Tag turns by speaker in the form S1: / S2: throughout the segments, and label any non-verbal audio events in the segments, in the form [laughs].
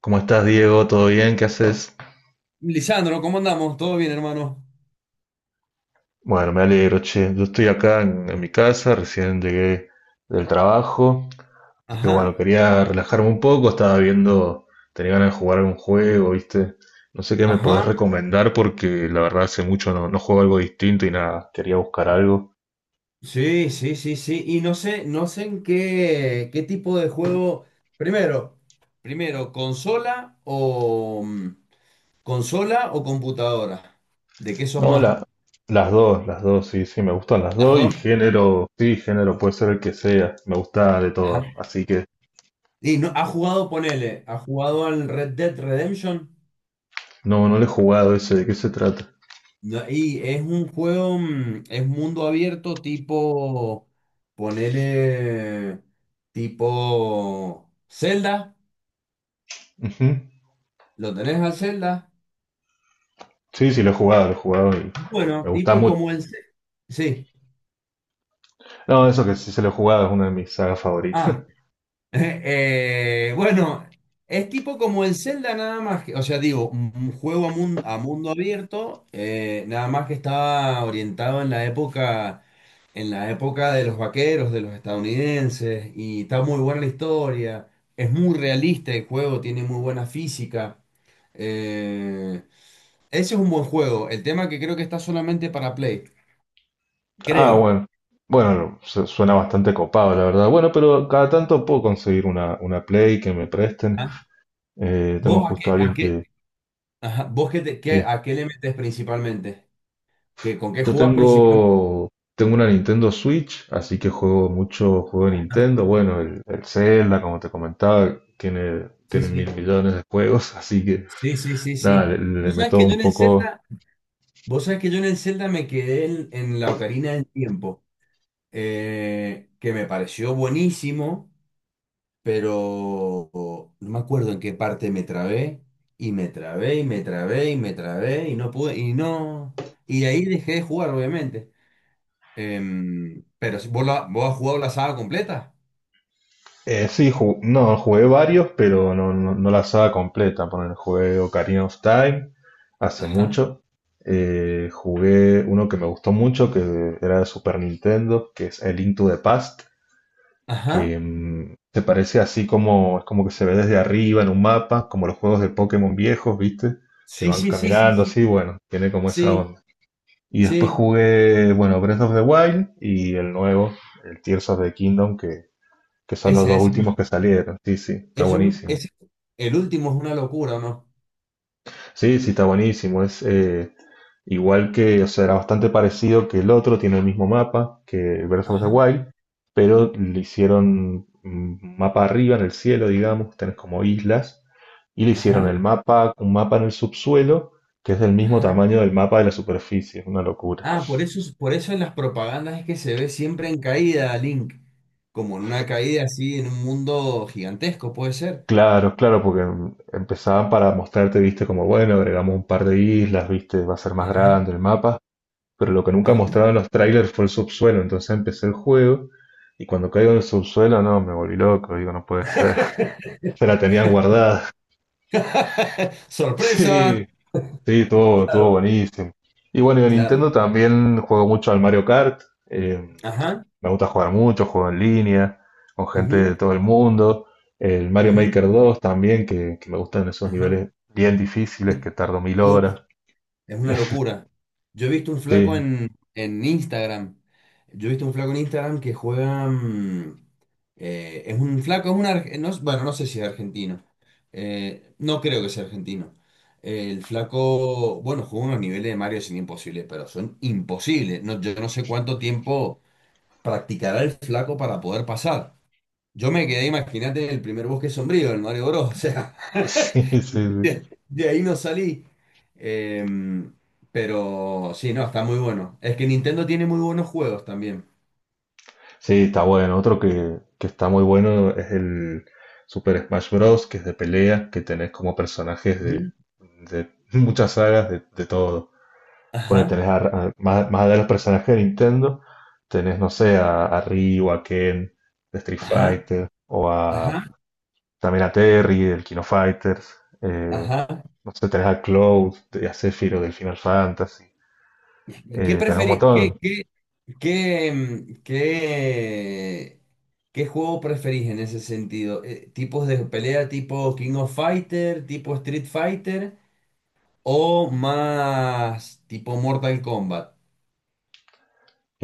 S1: ¿Cómo estás, Diego? ¿Todo bien? ¿Qué haces?
S2: Lisandro, ¿cómo andamos? ¿Todo bien, hermano?
S1: Bueno, me alegro, che. Yo estoy acá en mi casa, recién llegué del trabajo. Así que
S2: Ajá,
S1: bueno, quería relajarme un poco, estaba viendo, tenía ganas de jugar algún juego, ¿viste? No sé qué me podés
S2: ajá.
S1: recomendar porque la verdad hace mucho no juego algo distinto y nada, quería buscar algo.
S2: Sí, sí, sí, sí. Y no sé, no sé en qué tipo de juego. Primero, primero, consola o consola o computadora. ¿De qué sos
S1: No,
S2: más?
S1: las dos, sí, sí, me gustan las
S2: ¿Las
S1: dos y
S2: dos?
S1: género, sí, género puede ser el que sea, me gusta de todo.
S2: Ajá.
S1: Así que
S2: Y no, ha jugado, ponele, ha jugado al Red Dead Redemption.
S1: no, no le he jugado ese, ¿de qué se trata?
S2: No, y es un juego, es mundo abierto, tipo, ponele, tipo Zelda.
S1: Ujú.
S2: ¿Lo tenés al Zelda?
S1: Sí, sí, lo he jugado y
S2: Bueno,
S1: me gusta
S2: tipo
S1: mucho.
S2: como el... Ce- Sí.
S1: No, eso que sí se lo he jugado es una de mis sagas
S2: Ah,
S1: favoritas. [laughs]
S2: [laughs] bueno, es tipo como el Zelda nada más que, o sea, digo, un juego a mundo abierto, nada más que estaba orientado en la época de los vaqueros, de los estadounidenses, y está muy buena la historia, es muy realista el juego, tiene muy buena física. Eh, Ese es un buen juego, el tema que creo que está solamente para Play,
S1: Ah,
S2: creo.
S1: bueno. Bueno, suena bastante copado, la verdad. Bueno, pero cada tanto puedo conseguir una Play que me presten. Tengo
S2: ¿Vos a qué,
S1: justo a
S2: a
S1: alguien
S2: qué,
S1: que...
S2: ajá, vos
S1: Sí,
S2: a qué le metes principalmente? ¿Qué, con qué
S1: yo
S2: jugás principalmente?
S1: tengo, tengo una Nintendo Switch, así que juego mucho juego de
S2: Ajá,
S1: Nintendo. Bueno, el Zelda, como te comentaba,
S2: sí,
S1: tiene mil
S2: sí.
S1: millones de juegos, [laughs] así que
S2: Sí, sí, sí,
S1: nada,
S2: sí.
S1: le
S2: Vos sabés
S1: meto
S2: que yo
S1: un
S2: en el
S1: poco.
S2: Zelda, vos sabés que yo en el Zelda me quedé en la Ocarina del Tiempo, que me pareció buenísimo, pero no me acuerdo en qué parte me trabé, y me trabé, y me trabé, y me trabé, y no pude, y no. Y ahí dejé de jugar, obviamente. Pero ¿vos, vos has jugado la saga completa?
S1: No, jugué varios, pero no la saga completa. Poner, jugué Ocarina of Time hace
S2: Ajá.
S1: mucho. Jugué uno que me gustó mucho, que era de Super Nintendo, que es el Link to the Past,
S2: Ajá.
S1: que se parece así como, es como que se ve desde arriba en un mapa, como los juegos de Pokémon viejos, ¿viste? Que
S2: Sí,
S1: van
S2: sí, sí, sí,
S1: caminando
S2: sí,
S1: así, bueno, tiene como esa
S2: sí,
S1: onda. Y después
S2: sí.
S1: jugué, bueno, Breath of the Wild y el nuevo, el Tears of the Kingdom, que son los
S2: Ese,
S1: dos
S2: ese,
S1: últimos
S2: ese,
S1: que salieron. Sí, sí, está
S2: es un-
S1: buenísimo.
S2: ese- El último es una locura, ¿o no?
S1: Sí, sí, está buenísimo. Es igual que, o sea, era bastante parecido que el otro, tiene el mismo mapa que Breath of the
S2: Ajá,
S1: Wild, pero le hicieron un mapa arriba en el cielo, digamos, tenés como islas, y le hicieron
S2: ajá,
S1: el mapa, un mapa en el subsuelo, que es del mismo
S2: ajá.
S1: tamaño del mapa de la superficie, es una locura.
S2: Ah, por eso, por eso en las propagandas es que se ve siempre en caída, Link. Como en una caída así, en un mundo gigantesco, puede ser.
S1: Claro, claro, porque empezaban para mostrarte, viste, como bueno, agregamos un par de islas, viste, va a ser más
S2: Ajá,
S1: grande el mapa, pero lo que nunca
S2: ajá.
S1: mostraron los trailers fue el subsuelo, entonces empecé el juego y cuando caigo en el subsuelo, no, me volví loco, digo, no puede ser. [laughs]
S2: [laughs]
S1: Se la tenían guardada. [laughs] Sí,
S2: Sorpresa.
S1: sí, todo, estuvo
S2: Claro,
S1: buenísimo. Y bueno, en
S2: claro.
S1: Nintendo también juego mucho al Mario Kart, eh,
S2: Ajá,
S1: me gusta jugar mucho, juego en línea, con gente de
S2: ujú,
S1: todo el mundo, el Mario
S2: ujú,
S1: Maker 2 también, que me gustan esos
S2: ajá.
S1: niveles bien difíciles que tardo mil horas.
S2: Es una locura. Yo he visto un
S1: Sí,
S2: flaco
S1: [laughs]
S2: en Instagram. Yo he visto un flaco en Instagram que juega. Es un flaco, es un. Bueno, no sé si es argentino. No creo que sea argentino. El flaco, bueno, juega unos niveles de Mario sin imposibles, pero son imposibles. No, yo no sé cuánto tiempo practicará el flaco para poder pasar. Yo me quedé, imagínate, en el primer bosque sombrío, el Mario Bros. [laughs] O sea.
S1: sí, sí, sí.
S2: De ahí no salí. Em, pero sí, no, está muy bueno. Es que Nintendo tiene muy buenos juegos también.
S1: Sí, está bueno. Otro que está muy bueno es el Super Smash Bros., que es de pelea, que tenés como personajes
S2: Ujú.
S1: de [laughs] muchas sagas, de todo. Bueno,
S2: Ajá,
S1: más, más allá de los personajes de Nintendo, tenés, no sé, a Ryu, a Ken, de Street
S2: ajá,
S1: Fighter, o a
S2: ajá,
S1: también a Terry, del Kino Fighters, eh,
S2: ajá.
S1: no sé, tenés a Cloud, a Sephiroth del Final Fantasy,
S2: ¿Y ¿Qué
S1: tenés un
S2: preferí, qué,
S1: montón.
S2: qué, qué, em, qué, qué juego preferís en ese sentido? ¿Tipos de pelea tipo King of Fighter, tipo Street Fighter o más tipo Mortal Kombat?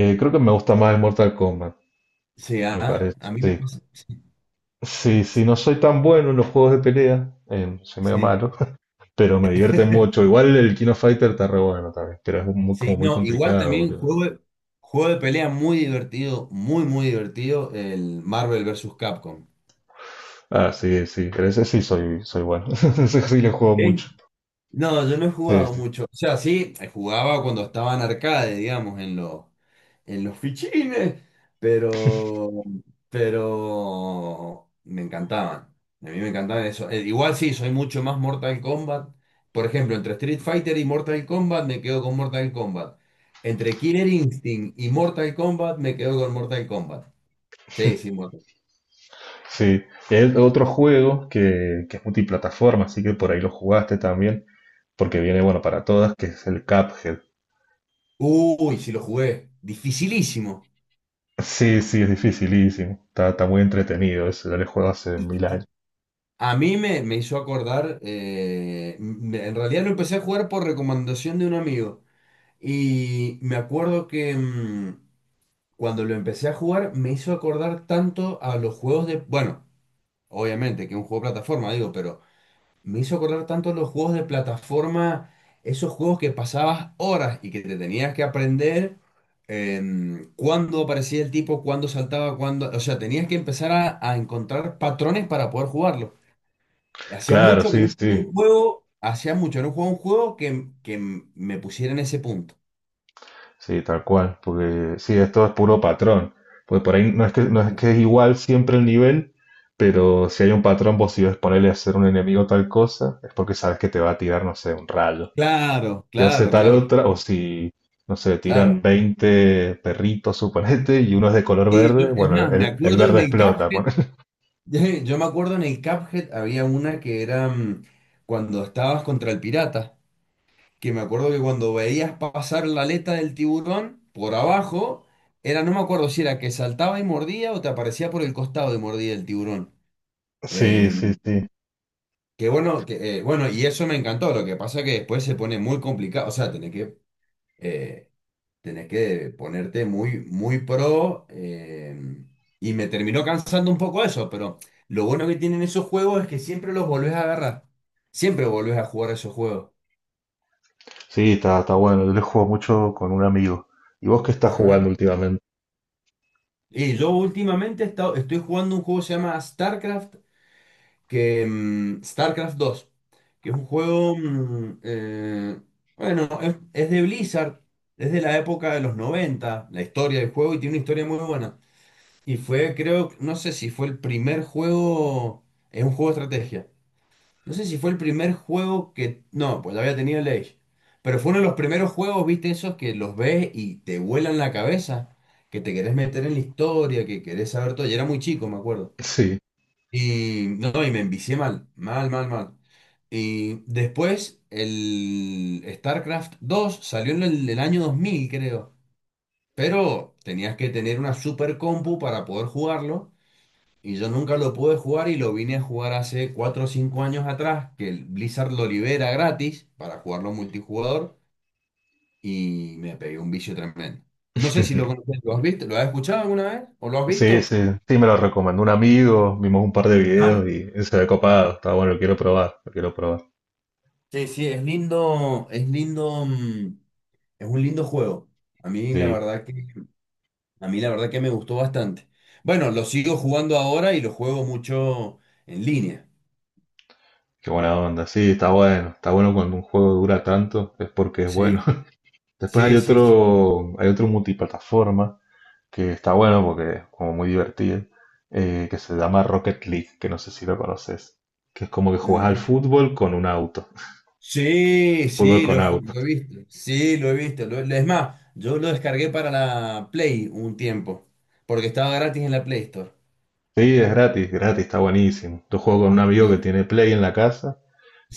S1: Creo que me gusta más el Mortal Kombat,
S2: Sí,
S1: me
S2: ajá,
S1: parece,
S2: a mí me
S1: sí.
S2: pasa.
S1: Sí, sí,
S2: Sí,
S1: no soy tan bueno en los juegos de pelea, soy
S2: sí,
S1: medio
S2: sí.
S1: malo, [laughs] pero me divierte mucho. Igual el Kino Fighter está re bueno también, pero es muy,
S2: Sí,
S1: como muy
S2: no, igual
S1: complicado,
S2: también
S1: boludo.
S2: juego de pelea muy divertido, muy, muy divertido, el Marvel vs. Capcom.
S1: Ah, sí, sí, pero ese sí soy, soy bueno, [laughs] ese sí le juego
S2: ¿Sí?
S1: mucho.
S2: No, yo no he
S1: Sí,
S2: jugado
S1: sí,
S2: mucho. O sea, sí, jugaba cuando estaba en arcade, digamos, en los fichines, pero, pero me encantaban. A mí me encantaban eso. Igual sí, soy mucho más Mortal Kombat. Por ejemplo, entre Street Fighter y Mortal Kombat me quedo con Mortal Kombat. Entre Killer Instinct y Mortal Kombat me quedo con Mortal Kombat. Sí, sí, muerto.
S1: sí. Y hay otro juego que es multiplataforma, así que por ahí lo jugaste también, porque viene bueno para todas, que es el Cuphead.
S2: Uy, sí lo jugué. Dificilísimo.
S1: Sí, sí, es dificilísimo. Está muy entretenido, ese yo le juego hace mil años.
S2: Difícil. A me hizo acordar, en realidad lo empecé a jugar por recomendación de un amigo. Y me acuerdo que cuando lo empecé a jugar me hizo acordar tanto a los juegos de... Bueno, obviamente que es un juego de plataforma, digo, pero me hizo acordar tanto los juegos de plataforma, esos juegos que pasabas horas y que te tenías que aprender cuándo aparecía el tipo, cuándo saltaba, cuándo... O sea, tenías que empezar a encontrar patrones para poder jugarlo. Hacía
S1: Claro,
S2: mucho que
S1: sí,
S2: no
S1: sí.
S2: jugaba un juego, hacía mucho que no jugaba un juego que me pusiera en ese punto.
S1: Sí, tal cual, porque sí, esto es puro patrón. Pues por ahí no es que es igual siempre el nivel, pero si hay un patrón, vos si ves ponerle a hacer un enemigo tal cosa, es porque sabes que te va a tirar, no sé, un rayo.
S2: Claro,
S1: Si hace
S2: claro,
S1: tal
S2: claro,
S1: otra, o si, no sé,
S2: claro.
S1: tiran 20 perritos, suponete, y uno es de color
S2: Sí, yo,
S1: verde,
S2: es
S1: bueno,
S2: más, me
S1: el
S2: acuerdo en
S1: verde
S2: el
S1: explota.
S2: Cuphead,
S1: Ponele. [laughs]
S2: [laughs] yo me acuerdo en el Cuphead había una que era cuando estabas contra el pirata. Que me acuerdo que cuando veías pasar la aleta del tiburón por abajo, era, no me acuerdo si era que saltaba y mordía o te aparecía por el costado y mordía el tiburón.
S1: Sí,
S2: Eh,
S1: sí, sí.
S2: bueno, y eso me encantó. Lo que pasa es que después se pone muy complicado. O sea, eh, tenés que ponerte muy, muy pro. Y me terminó cansando un poco eso, pero lo bueno que tienen esos juegos es que siempre los volvés a agarrar. Siempre volvés a jugar esos juegos.
S1: Sí, está bueno. Yo le juego mucho con un amigo. ¿Y vos qué estás
S2: Ajá.
S1: jugando últimamente?
S2: Y yo últimamente estoy jugando un juego que se llama StarCraft, StarCraft dos que es un juego, bueno, es de Blizzard, es de la época de los 90 la historia del juego, y tiene una historia muy buena. Y fue, creo, no sé si fue el primer juego, es un juego de estrategia, no sé si fue el primer juego que... No, pues había tenido el Age. Pero fue uno de los primeros juegos, viste, esos que los ves y te vuelan la cabeza, que te querés meter en la historia, que querés saber todo. Y era muy chico, me acuerdo.
S1: Sí.
S2: Y no, y me envicié mal, mal, mal, mal. Y después el StarCraft 2 salió en el año 2000, creo. Pero tenías que tener una super compu para poder jugarlo. Y yo nunca lo pude jugar y lo vine a jugar hace 4 o 5 años atrás, que el Blizzard lo libera gratis para jugarlo multijugador y me pegué un vicio tremendo. No sé si lo
S1: [laughs]
S2: conoces, ¿lo has visto? ¿Lo has escuchado alguna vez? ¿O lo has
S1: Sí,
S2: visto?
S1: sí, sí, me lo recomendó un amigo, vimos un par de
S2: Ajá.
S1: videos y se ve copado, está bueno, lo quiero probar.
S2: Sí, sí, es lindo, es lindo, es un lindo juego. A mí la
S1: Sí,
S2: verdad que, a mí la verdad que me gustó bastante. Bueno, lo sigo jugando ahora y lo juego mucho en línea.
S1: qué buena onda, sí, está bueno cuando un juego dura tanto, es porque es bueno.
S2: Sí,
S1: [laughs] Después
S2: sí, sí, sí.
S1: hay otro multiplataforma que está bueno porque es como muy divertido, que se llama Rocket League, que no sé si lo conoces, que es como que jugás al
S2: Mm,
S1: fútbol con un auto,
S2: sí,
S1: [laughs] fútbol
S2: sí,
S1: con auto.
S2: lo he visto. Sí, lo he visto. Es más, yo lo descargué para la Play un tiempo, porque estaba gratis en la Play Store.
S1: Sí, es gratis, gratis, está buenísimo. Yo juego con un amigo
S2: Sí,
S1: que tiene Play en la casa.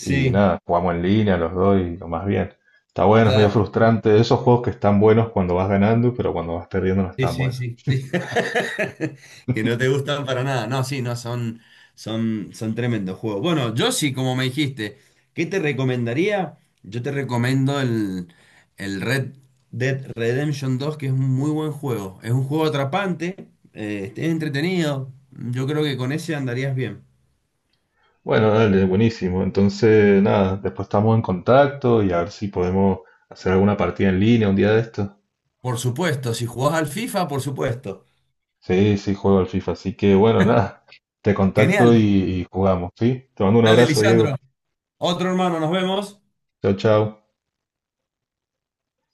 S1: Y nada, jugamos en línea los dos y lo más bien. Está bueno, es medio
S2: claro.
S1: frustrante. Esos juegos que están buenos cuando vas ganando, pero cuando vas perdiendo no
S2: Sí,
S1: están
S2: sí,
S1: buenos.
S2: sí, sí. [laughs] Que no te gustan para nada. No, sí, no, son, son tremendos juegos. Bueno, yo sí, como me dijiste, ¿qué te recomendaría? Yo te recomiendo el Red Dead Redemption dos que es un muy buen juego. Es un juego atrapante, es entretenido. Yo creo que con ese andarías bien.
S1: Bueno, dale, buenísimo. Entonces, nada, después estamos en contacto y a ver si podemos hacer alguna partida en línea un día de esto.
S2: Por supuesto, si jugás al FIFA, por supuesto.
S1: Sí, sí, juego al FIFA. Así que, bueno, nada, te contacto y,
S2: Genial.
S1: y jugamos, ¿sí? Te mando un
S2: Dale,
S1: abrazo, Diego.
S2: Lisandro. Otro hermano, nos vemos.
S1: Chao, chao.